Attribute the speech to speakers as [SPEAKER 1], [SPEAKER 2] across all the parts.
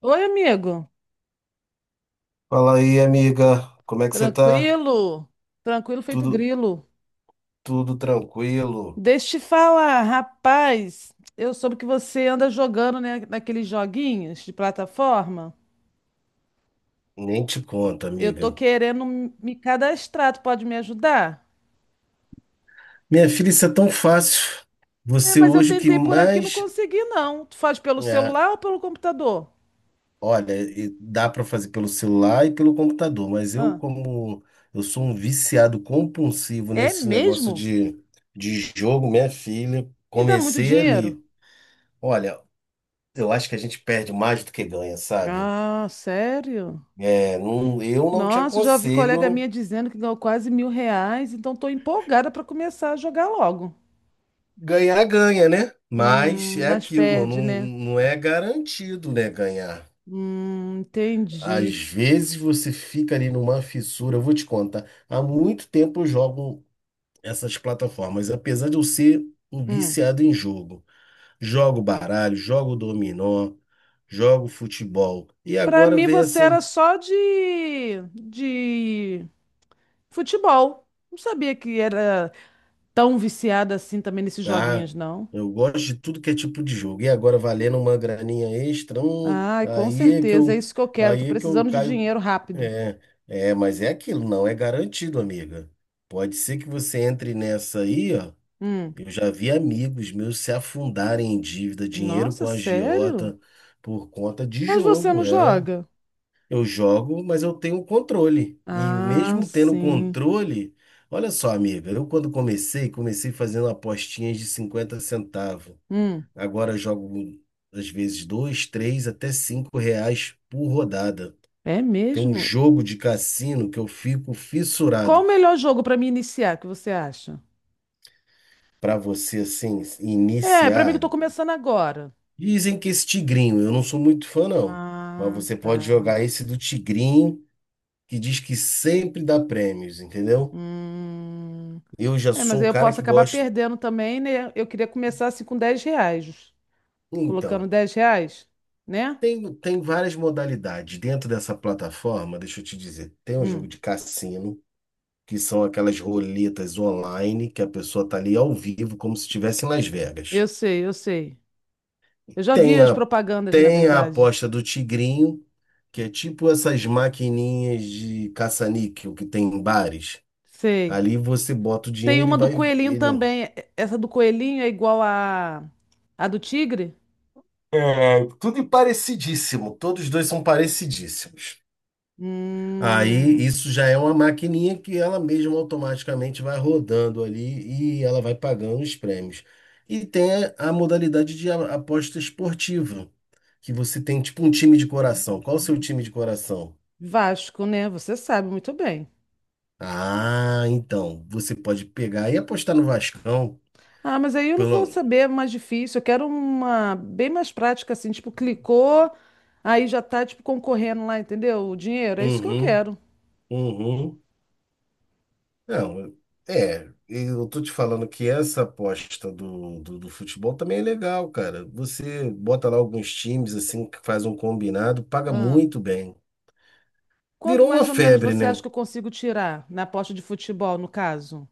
[SPEAKER 1] Oi, amigo.
[SPEAKER 2] Fala aí, amiga. Como é que você tá?
[SPEAKER 1] Tranquilo? Tranquilo feito
[SPEAKER 2] Tudo,
[SPEAKER 1] grilo.
[SPEAKER 2] tudo tranquilo?
[SPEAKER 1] Deixa eu te falar, rapaz. Eu soube que você anda jogando, né, naqueles joguinhos de plataforma.
[SPEAKER 2] Nem te conto,
[SPEAKER 1] Eu tô
[SPEAKER 2] amiga.
[SPEAKER 1] querendo me cadastrar. Tu pode me ajudar?
[SPEAKER 2] Minha filha, isso é tão fácil.
[SPEAKER 1] É,
[SPEAKER 2] Você
[SPEAKER 1] mas eu
[SPEAKER 2] hoje que
[SPEAKER 1] tentei por aqui, e não
[SPEAKER 2] mais.
[SPEAKER 1] consegui, não. Tu faz pelo
[SPEAKER 2] é,
[SPEAKER 1] celular ou pelo computador?
[SPEAKER 2] Olha, e dá para fazer pelo celular e pelo computador, mas eu,
[SPEAKER 1] Ah,
[SPEAKER 2] como eu sou um viciado compulsivo
[SPEAKER 1] é
[SPEAKER 2] nesse negócio
[SPEAKER 1] mesmo?
[SPEAKER 2] de jogo, minha filha,
[SPEAKER 1] E dá muito
[SPEAKER 2] comecei
[SPEAKER 1] dinheiro?
[SPEAKER 2] ali. Olha, eu acho que a gente perde mais do que ganha, sabe?
[SPEAKER 1] Ah, sério?
[SPEAKER 2] É, não, eu não te
[SPEAKER 1] Nossa, já ouvi colega
[SPEAKER 2] aconselho.
[SPEAKER 1] minha dizendo que ganhou quase R$ 1.000, então tô empolgada para começar a jogar logo.
[SPEAKER 2] Ganhar, ganha, né? Mas é
[SPEAKER 1] Nós
[SPEAKER 2] aquilo, não,
[SPEAKER 1] perde, né?
[SPEAKER 2] não é garantido, né, ganhar.
[SPEAKER 1] Entendi.
[SPEAKER 2] Às vezes você fica ali numa fissura, eu vou te contar. Há muito tempo eu jogo essas plataformas, apesar de eu ser um
[SPEAKER 1] Hum.
[SPEAKER 2] viciado em jogo. Jogo baralho, jogo dominó, jogo futebol. E
[SPEAKER 1] Para
[SPEAKER 2] agora
[SPEAKER 1] mim
[SPEAKER 2] vem
[SPEAKER 1] você
[SPEAKER 2] essa.
[SPEAKER 1] era só de futebol. Não sabia que era tão viciada assim também nesses
[SPEAKER 2] Ah,
[SPEAKER 1] joguinhos, não.
[SPEAKER 2] eu gosto de tudo que é tipo de jogo. E agora valendo uma graninha extra,
[SPEAKER 1] Ai, com
[SPEAKER 2] aí é que
[SPEAKER 1] certeza, é
[SPEAKER 2] eu,
[SPEAKER 1] isso que eu quero. Tô
[SPEAKER 2] aí é que eu
[SPEAKER 1] precisando de
[SPEAKER 2] caio.
[SPEAKER 1] dinheiro rápido.
[SPEAKER 2] É, é, mas é aquilo, não é garantido, amiga. Pode ser que você entre nessa aí, ó.
[SPEAKER 1] Hum.
[SPEAKER 2] Eu já vi amigos meus se afundarem em dívida, dinheiro
[SPEAKER 1] Nossa,
[SPEAKER 2] com
[SPEAKER 1] sério?
[SPEAKER 2] agiota por conta de
[SPEAKER 1] Mas você
[SPEAKER 2] jogo,
[SPEAKER 1] não
[SPEAKER 2] é.
[SPEAKER 1] joga?
[SPEAKER 2] Eu jogo, mas eu tenho controle. E
[SPEAKER 1] Ah,
[SPEAKER 2] mesmo tendo
[SPEAKER 1] sim.
[SPEAKER 2] controle, olha só, amiga, eu quando comecei, comecei fazendo apostinhas de 50 centavos.
[SPEAKER 1] Hum.
[SPEAKER 2] Agora eu jogo às vezes dois, três, até 5 reais por rodada.
[SPEAKER 1] É
[SPEAKER 2] Tem um
[SPEAKER 1] mesmo?
[SPEAKER 2] jogo de cassino que eu fico
[SPEAKER 1] Qual
[SPEAKER 2] fissurado
[SPEAKER 1] o melhor jogo para me iniciar, que você acha?
[SPEAKER 2] para você assim
[SPEAKER 1] É, para mim que eu
[SPEAKER 2] iniciar.
[SPEAKER 1] tô começando agora.
[SPEAKER 2] Dizem que esse tigrinho, eu não sou muito fã não, mas
[SPEAKER 1] Ah,
[SPEAKER 2] você pode
[SPEAKER 1] tá.
[SPEAKER 2] jogar esse do tigrinho que diz que sempre dá prêmios, entendeu?
[SPEAKER 1] Hum.
[SPEAKER 2] Eu já
[SPEAKER 1] É, mas
[SPEAKER 2] sou
[SPEAKER 1] aí
[SPEAKER 2] o
[SPEAKER 1] eu
[SPEAKER 2] cara
[SPEAKER 1] posso
[SPEAKER 2] que
[SPEAKER 1] acabar
[SPEAKER 2] gosta.
[SPEAKER 1] perdendo também, né? Eu queria começar assim com R$ 10. Colocando
[SPEAKER 2] Então,
[SPEAKER 1] R$ 10, né?
[SPEAKER 2] tem várias modalidades. Dentro dessa plataforma, deixa eu te dizer, tem um jogo
[SPEAKER 1] Hum.
[SPEAKER 2] de cassino, que são aquelas roletas online, que a pessoa tá ali ao vivo, como se estivesse em Las Vegas.
[SPEAKER 1] Eu sei, eu sei. Eu já vi
[SPEAKER 2] Tem
[SPEAKER 1] as
[SPEAKER 2] a,
[SPEAKER 1] propagandas, na
[SPEAKER 2] tem a
[SPEAKER 1] verdade.
[SPEAKER 2] aposta do Tigrinho, que é tipo essas maquininhas de caça-níquel que tem em bares.
[SPEAKER 1] Sei.
[SPEAKER 2] Ali você bota o
[SPEAKER 1] Tem
[SPEAKER 2] dinheiro e
[SPEAKER 1] uma do
[SPEAKER 2] vai.
[SPEAKER 1] coelhinho
[SPEAKER 2] Ele,
[SPEAKER 1] também. Essa do coelhinho é igual a do tigre?
[SPEAKER 2] é, tudo parecidíssimo. Todos os dois são parecidíssimos. Aí
[SPEAKER 1] Hum.
[SPEAKER 2] isso já é uma maquininha que ela mesma automaticamente vai rodando ali e ela vai pagando os prêmios. E tem a modalidade de aposta esportiva, que você tem tipo um time de coração. Qual o seu time de coração?
[SPEAKER 1] Vasco, né? Você sabe muito bem.
[SPEAKER 2] Ah, então, você pode pegar e apostar no Vascão
[SPEAKER 1] Ah, mas aí eu não vou
[SPEAKER 2] pelo
[SPEAKER 1] saber é mais difícil. Eu quero uma bem mais prática, assim, tipo, clicou, aí já tá, tipo, concorrendo lá, entendeu? O dinheiro, é isso que eu
[SPEAKER 2] Uhum,
[SPEAKER 1] quero.
[SPEAKER 2] uhum. Não, é, eu tô te falando que essa aposta do futebol também é legal, cara. Você bota lá alguns times assim, que faz um combinado, paga
[SPEAKER 1] Ah.
[SPEAKER 2] muito bem.
[SPEAKER 1] Quanto
[SPEAKER 2] Virou uma
[SPEAKER 1] mais ou menos
[SPEAKER 2] febre,
[SPEAKER 1] você acha
[SPEAKER 2] né?
[SPEAKER 1] que eu consigo tirar na aposta de futebol, no caso?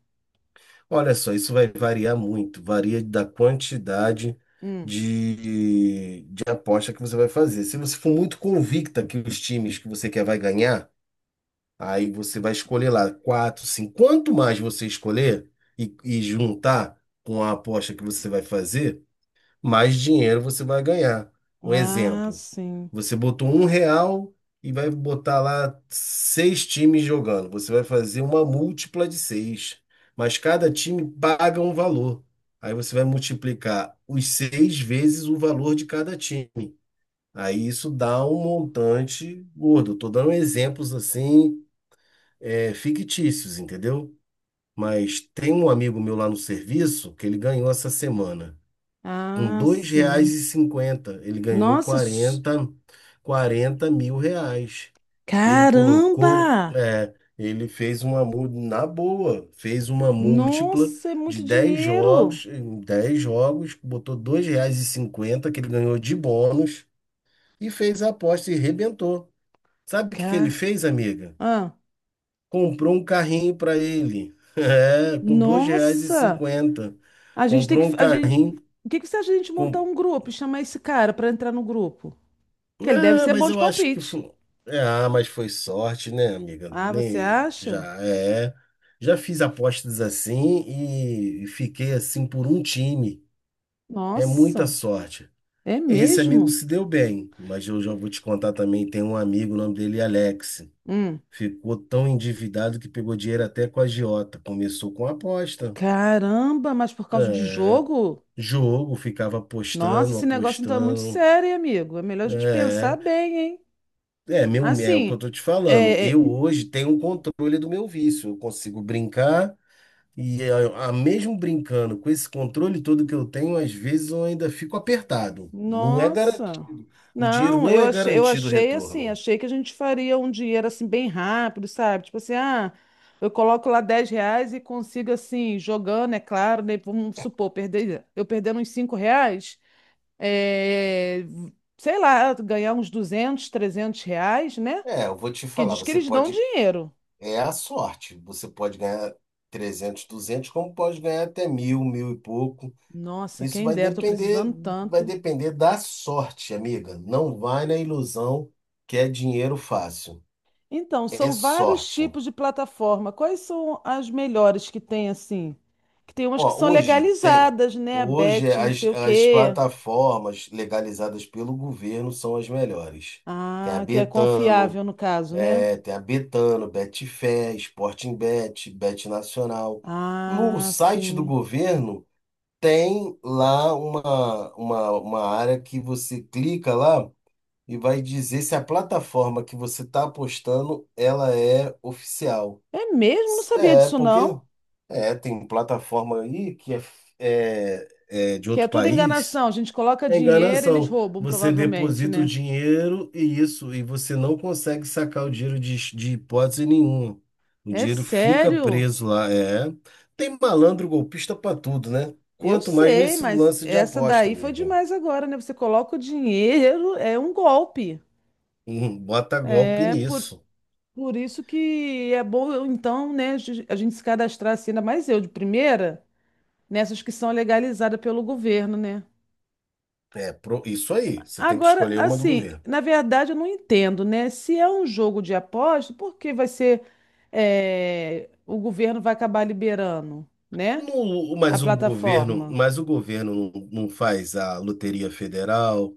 [SPEAKER 2] Olha só, isso vai variar muito, varia da quantidade
[SPEAKER 1] Hum.
[SPEAKER 2] de aposta que você vai fazer. Se você for muito convicta que os times que você quer vai ganhar, aí você vai escolher lá quatro, cinco. Quanto mais você escolher e juntar com a aposta que você vai fazer, mais dinheiro você vai ganhar. Um
[SPEAKER 1] Ah,
[SPEAKER 2] exemplo,
[SPEAKER 1] sim.
[SPEAKER 2] você botou 1 real e vai botar lá seis times jogando. Você vai fazer uma múltipla de seis, mas cada time paga um valor. Aí você vai multiplicar os seis vezes o valor de cada time. Aí isso dá um montante gordo. Estou dando exemplos assim, é, fictícios, entendeu? Mas tem um amigo meu lá no serviço que ele ganhou essa semana. Com
[SPEAKER 1] Ah,
[SPEAKER 2] dois reais
[SPEAKER 1] sim.
[SPEAKER 2] e cinquenta, ele ganhou
[SPEAKER 1] Nossa,
[SPEAKER 2] quarenta mil reais. Ele colocou,
[SPEAKER 1] caramba!
[SPEAKER 2] é, ele fez uma, na boa, fez uma múltipla
[SPEAKER 1] Nossa, é
[SPEAKER 2] de
[SPEAKER 1] muito
[SPEAKER 2] 10
[SPEAKER 1] dinheiro.
[SPEAKER 2] jogos, em 10 jogos, botou R$ 2,50, que ele ganhou de bônus, e fez a aposta e rebentou. Sabe o que que ele
[SPEAKER 1] Ca...
[SPEAKER 2] fez, amiga?
[SPEAKER 1] Ah.
[SPEAKER 2] Comprou um carrinho para ele, é, com dois reais e
[SPEAKER 1] Nossa!
[SPEAKER 2] cinquenta.
[SPEAKER 1] A gente tem que.
[SPEAKER 2] Comprou um carrinho.
[SPEAKER 1] O que que você acha de a gente montar um grupo e chamar esse cara para entrar no grupo? Que ele deve
[SPEAKER 2] Ah,
[SPEAKER 1] ser
[SPEAKER 2] mas
[SPEAKER 1] bom de
[SPEAKER 2] eu acho que
[SPEAKER 1] palpite.
[SPEAKER 2] foi. É, ah, mas foi sorte, né, amiga?
[SPEAKER 1] Ah, você
[SPEAKER 2] Nem... Já
[SPEAKER 1] acha?
[SPEAKER 2] é. Já fiz apostas assim e fiquei assim por um time. É muita
[SPEAKER 1] Nossa,
[SPEAKER 2] sorte.
[SPEAKER 1] é
[SPEAKER 2] Esse amigo
[SPEAKER 1] mesmo?
[SPEAKER 2] se deu bem, mas eu já vou te contar também. Tem um amigo, o nome dele é Alex.
[SPEAKER 1] Hum.
[SPEAKER 2] Ficou tão endividado que pegou dinheiro até com a agiota. Começou com aposta.
[SPEAKER 1] Caramba, mas por causa de
[SPEAKER 2] É.
[SPEAKER 1] jogo?
[SPEAKER 2] Jogo, ficava
[SPEAKER 1] Nossa,
[SPEAKER 2] apostando,
[SPEAKER 1] esse negócio então é muito
[SPEAKER 2] apostando.
[SPEAKER 1] sério, hein, amigo. É melhor a gente pensar
[SPEAKER 2] é
[SPEAKER 1] bem, hein?
[SPEAKER 2] É, meu, é o que eu
[SPEAKER 1] Assim,
[SPEAKER 2] tô te falando.
[SPEAKER 1] é,
[SPEAKER 2] Eu
[SPEAKER 1] é,
[SPEAKER 2] hoje tenho um controle do meu vício. Eu consigo brincar e mesmo brincando com esse controle todo que eu tenho, às vezes eu ainda fico apertado. Não é
[SPEAKER 1] Nossa.
[SPEAKER 2] garantido. O dinheiro
[SPEAKER 1] Não,
[SPEAKER 2] não
[SPEAKER 1] eu
[SPEAKER 2] é
[SPEAKER 1] achei, eu
[SPEAKER 2] garantido o
[SPEAKER 1] achei assim,
[SPEAKER 2] retorno.
[SPEAKER 1] achei que a gente faria um dinheiro assim bem rápido, sabe? Tipo assim, ah, eu coloco lá R$ 10 e consigo assim, jogando, é claro, né? Vamos supor, perder, eu perdendo uns R$ 5, é, sei lá, ganhar uns 200, R$ 300, né?
[SPEAKER 2] É, eu vou te
[SPEAKER 1] Porque
[SPEAKER 2] falar,
[SPEAKER 1] diz que
[SPEAKER 2] você
[SPEAKER 1] eles dão
[SPEAKER 2] pode,
[SPEAKER 1] dinheiro.
[SPEAKER 2] é a sorte. Você pode ganhar 300, 200, como pode ganhar até mil, mil e pouco.
[SPEAKER 1] Nossa,
[SPEAKER 2] Isso
[SPEAKER 1] quem dera, tô precisando
[SPEAKER 2] vai
[SPEAKER 1] tanto.
[SPEAKER 2] depender da sorte, amiga. Não vai na ilusão que é dinheiro fácil.
[SPEAKER 1] Então,
[SPEAKER 2] É
[SPEAKER 1] são vários
[SPEAKER 2] sorte.
[SPEAKER 1] tipos de plataforma. Quais são as melhores que tem assim? Que tem umas que são
[SPEAKER 2] Ó, hoje tem.
[SPEAKER 1] legalizadas, né? A
[SPEAKER 2] Hoje
[SPEAKER 1] Bet, não
[SPEAKER 2] as,
[SPEAKER 1] sei o
[SPEAKER 2] as
[SPEAKER 1] quê.
[SPEAKER 2] plataformas legalizadas pelo governo são as melhores. Tem a
[SPEAKER 1] Ah, que é confiável
[SPEAKER 2] Betano,
[SPEAKER 1] no caso, né?
[SPEAKER 2] é, tem a Betano, Betfair, Sportingbet, Bet Nacional. No
[SPEAKER 1] Ah,
[SPEAKER 2] site do
[SPEAKER 1] sim.
[SPEAKER 2] governo tem lá uma área que você clica lá e vai dizer se a plataforma que você está apostando ela é oficial.
[SPEAKER 1] É mesmo? Não sabia
[SPEAKER 2] É,
[SPEAKER 1] disso
[SPEAKER 2] porque
[SPEAKER 1] não.
[SPEAKER 2] é, tem plataforma aí que é, é, é de
[SPEAKER 1] Que é
[SPEAKER 2] outro
[SPEAKER 1] tudo
[SPEAKER 2] país,
[SPEAKER 1] enganação. A gente coloca
[SPEAKER 2] é
[SPEAKER 1] dinheiro, eles
[SPEAKER 2] enganação.
[SPEAKER 1] roubam,
[SPEAKER 2] Você
[SPEAKER 1] provavelmente,
[SPEAKER 2] deposita o
[SPEAKER 1] né?
[SPEAKER 2] dinheiro e isso, e você não consegue sacar o dinheiro de hipótese nenhuma. O
[SPEAKER 1] É
[SPEAKER 2] dinheiro fica
[SPEAKER 1] sério?
[SPEAKER 2] preso lá, é. Tem malandro golpista pra tudo, né?
[SPEAKER 1] Eu
[SPEAKER 2] Quanto mais
[SPEAKER 1] sei,
[SPEAKER 2] nesse
[SPEAKER 1] mas
[SPEAKER 2] lance de
[SPEAKER 1] essa
[SPEAKER 2] aposta,
[SPEAKER 1] daí foi
[SPEAKER 2] amiga.
[SPEAKER 1] demais agora, né? Você coloca o dinheiro, é um golpe.
[SPEAKER 2] Bota golpe
[SPEAKER 1] É, por,
[SPEAKER 2] nisso.
[SPEAKER 1] Por isso que é bom, então, né, a gente se cadastrar assim, ainda mais eu de primeira, nessas que são legalizadas pelo governo, né?
[SPEAKER 2] É, isso aí, você tem que
[SPEAKER 1] Agora,
[SPEAKER 2] escolher uma do
[SPEAKER 1] assim,
[SPEAKER 2] governo.
[SPEAKER 1] na verdade eu não entendo, né? Se é um jogo de aposta, por que vai ser, o governo vai acabar liberando, né? A
[SPEAKER 2] Mas o governo,
[SPEAKER 1] plataforma.
[SPEAKER 2] mas o governo não faz a Loteria Federal,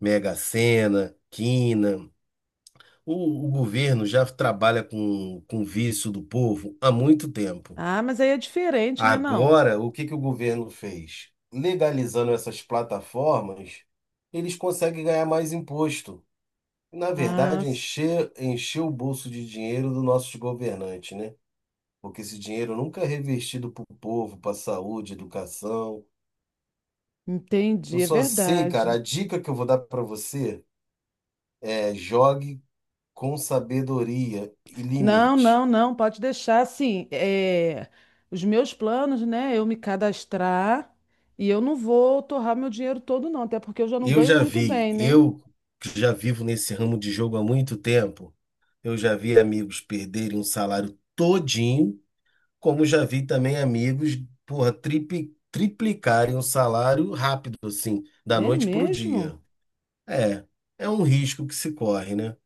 [SPEAKER 2] Mega Sena, Quina. O, o governo já trabalha com o vício do povo há muito tempo.
[SPEAKER 1] Ah, mas aí é diferente, né? Não.
[SPEAKER 2] Agora, o que que o governo fez? Legalizando essas plataformas, eles conseguem ganhar mais imposto. Na
[SPEAKER 1] Ah,
[SPEAKER 2] verdade, encher, encher o bolso de dinheiro dos nossos governantes, né? Porque esse dinheiro nunca é revertido para o povo, para a saúde, educação. Eu
[SPEAKER 1] entendi, é
[SPEAKER 2] só sei, cara, a
[SPEAKER 1] verdade.
[SPEAKER 2] dica que eu vou dar pra você é jogue com sabedoria e
[SPEAKER 1] Não,
[SPEAKER 2] limite.
[SPEAKER 1] não, não, pode deixar assim. É, os meus planos, né? Eu me cadastrar e eu não vou torrar meu dinheiro todo, não, até porque eu já não
[SPEAKER 2] Eu
[SPEAKER 1] ganho
[SPEAKER 2] já
[SPEAKER 1] muito
[SPEAKER 2] vi,
[SPEAKER 1] bem, né?
[SPEAKER 2] eu que já vivo nesse ramo de jogo há muito tempo, eu já vi amigos perderem um salário todinho, como já vi também amigos, porra, triplicarem o salário rápido, assim, da
[SPEAKER 1] É
[SPEAKER 2] noite pro
[SPEAKER 1] mesmo?
[SPEAKER 2] dia. É, é um risco que se corre, né?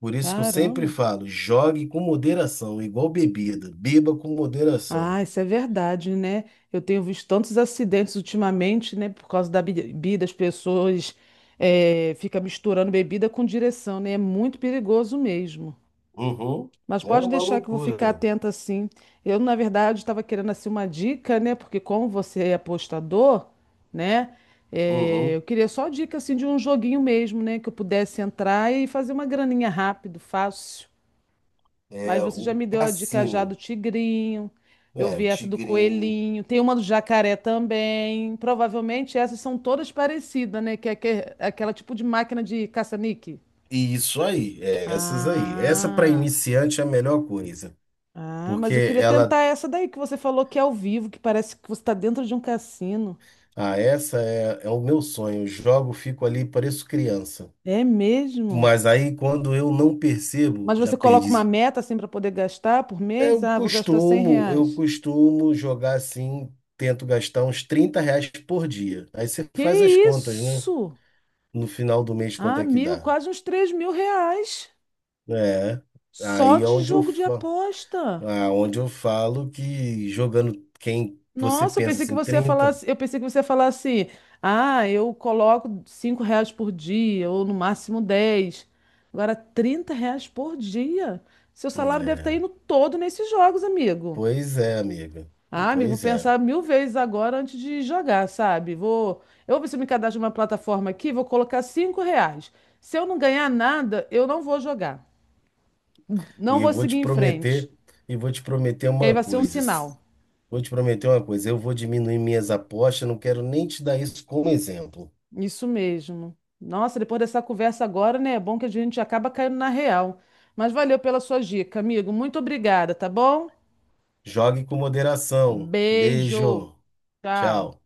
[SPEAKER 2] Por isso que eu sempre
[SPEAKER 1] Caramba.
[SPEAKER 2] falo, jogue com moderação, igual bebida, beba com moderação.
[SPEAKER 1] Ah, isso é verdade, né? Eu tenho visto tantos acidentes ultimamente, né? Por causa da bebida, as pessoas ficam misturando bebida com direção, né? É muito perigoso mesmo.
[SPEAKER 2] Uhum,
[SPEAKER 1] Mas
[SPEAKER 2] é
[SPEAKER 1] pode
[SPEAKER 2] uma
[SPEAKER 1] deixar que eu vou
[SPEAKER 2] loucura.
[SPEAKER 1] ficar atenta sim. Eu, na verdade, estava querendo assim uma dica, né? Porque como você é apostador, né?
[SPEAKER 2] Uhum.
[SPEAKER 1] Eu queria só dica assim de um joguinho mesmo, né? Que eu pudesse entrar e fazer uma graninha rápido, fácil. Mas
[SPEAKER 2] É
[SPEAKER 1] você já
[SPEAKER 2] o
[SPEAKER 1] me deu a dica já do
[SPEAKER 2] Cassino.
[SPEAKER 1] tigrinho. Eu
[SPEAKER 2] É, o
[SPEAKER 1] vi essa do
[SPEAKER 2] Tigrinho.
[SPEAKER 1] coelhinho. Tem uma do jacaré também. Provavelmente essas são todas parecidas, né? Que é aquela tipo de máquina de caça-níquel.
[SPEAKER 2] E isso aí, é, essas aí. Essa para
[SPEAKER 1] Ah.
[SPEAKER 2] iniciante é a melhor coisa.
[SPEAKER 1] Ah,
[SPEAKER 2] Porque
[SPEAKER 1] mas eu queria
[SPEAKER 2] ela.
[SPEAKER 1] tentar essa daí que você falou que é ao vivo, que parece que você está dentro de um cassino.
[SPEAKER 2] Ah, essa é, é o meu sonho. Jogo, fico ali, pareço criança.
[SPEAKER 1] É mesmo?
[SPEAKER 2] Mas aí, quando eu não percebo,
[SPEAKER 1] Mas
[SPEAKER 2] já
[SPEAKER 1] você coloca uma
[SPEAKER 2] perdi.
[SPEAKER 1] meta assim para poder gastar por mês?
[SPEAKER 2] Eu
[SPEAKER 1] Ah, vou gastar cem
[SPEAKER 2] costumo, eu
[SPEAKER 1] reais.
[SPEAKER 2] costumo jogar assim, tento gastar uns 30 reais por dia. Aí você faz as
[SPEAKER 1] Que
[SPEAKER 2] contas, né?
[SPEAKER 1] isso?
[SPEAKER 2] No final do mês, quanto
[SPEAKER 1] Ah,
[SPEAKER 2] é que
[SPEAKER 1] mil,
[SPEAKER 2] dá?
[SPEAKER 1] quase uns R$ 3.000
[SPEAKER 2] É,
[SPEAKER 1] só
[SPEAKER 2] aí é
[SPEAKER 1] de
[SPEAKER 2] onde eu
[SPEAKER 1] jogo de
[SPEAKER 2] falo,
[SPEAKER 1] aposta.
[SPEAKER 2] onde eu falo que jogando quem você
[SPEAKER 1] Nossa,
[SPEAKER 2] pensa assim, 30,
[SPEAKER 1] eu pensei que você ia falar assim, ah, eu coloco R$ 5 por dia, ou no máximo 10. Agora, R$ 30 por dia. Seu salário deve estar
[SPEAKER 2] é,
[SPEAKER 1] indo todo nesses jogos, amigo.
[SPEAKER 2] pois é, amiga.
[SPEAKER 1] Ah, amigo, vou
[SPEAKER 2] Pois é.
[SPEAKER 1] pensar mil vezes agora antes de jogar, sabe? Eu vou ver se eu me cadastro numa plataforma aqui, vou colocar R$ 5. Se eu não ganhar nada, eu não vou jogar. Não
[SPEAKER 2] E eu
[SPEAKER 1] vou
[SPEAKER 2] vou
[SPEAKER 1] seguir
[SPEAKER 2] te
[SPEAKER 1] em frente.
[SPEAKER 2] prometer, e vou te prometer
[SPEAKER 1] E aí
[SPEAKER 2] uma
[SPEAKER 1] vai ser um
[SPEAKER 2] coisa.
[SPEAKER 1] sinal.
[SPEAKER 2] Vou te prometer uma coisa, eu vou diminuir minhas apostas, não quero nem te dar isso como exemplo.
[SPEAKER 1] Isso mesmo. Nossa, depois dessa conversa agora, né? É bom que a gente acaba caindo na real. Mas valeu pela sua dica, amigo. Muito obrigada, tá bom?
[SPEAKER 2] Jogue com moderação.
[SPEAKER 1] Beijo.
[SPEAKER 2] Beijo.
[SPEAKER 1] Tchau.
[SPEAKER 2] Tchau.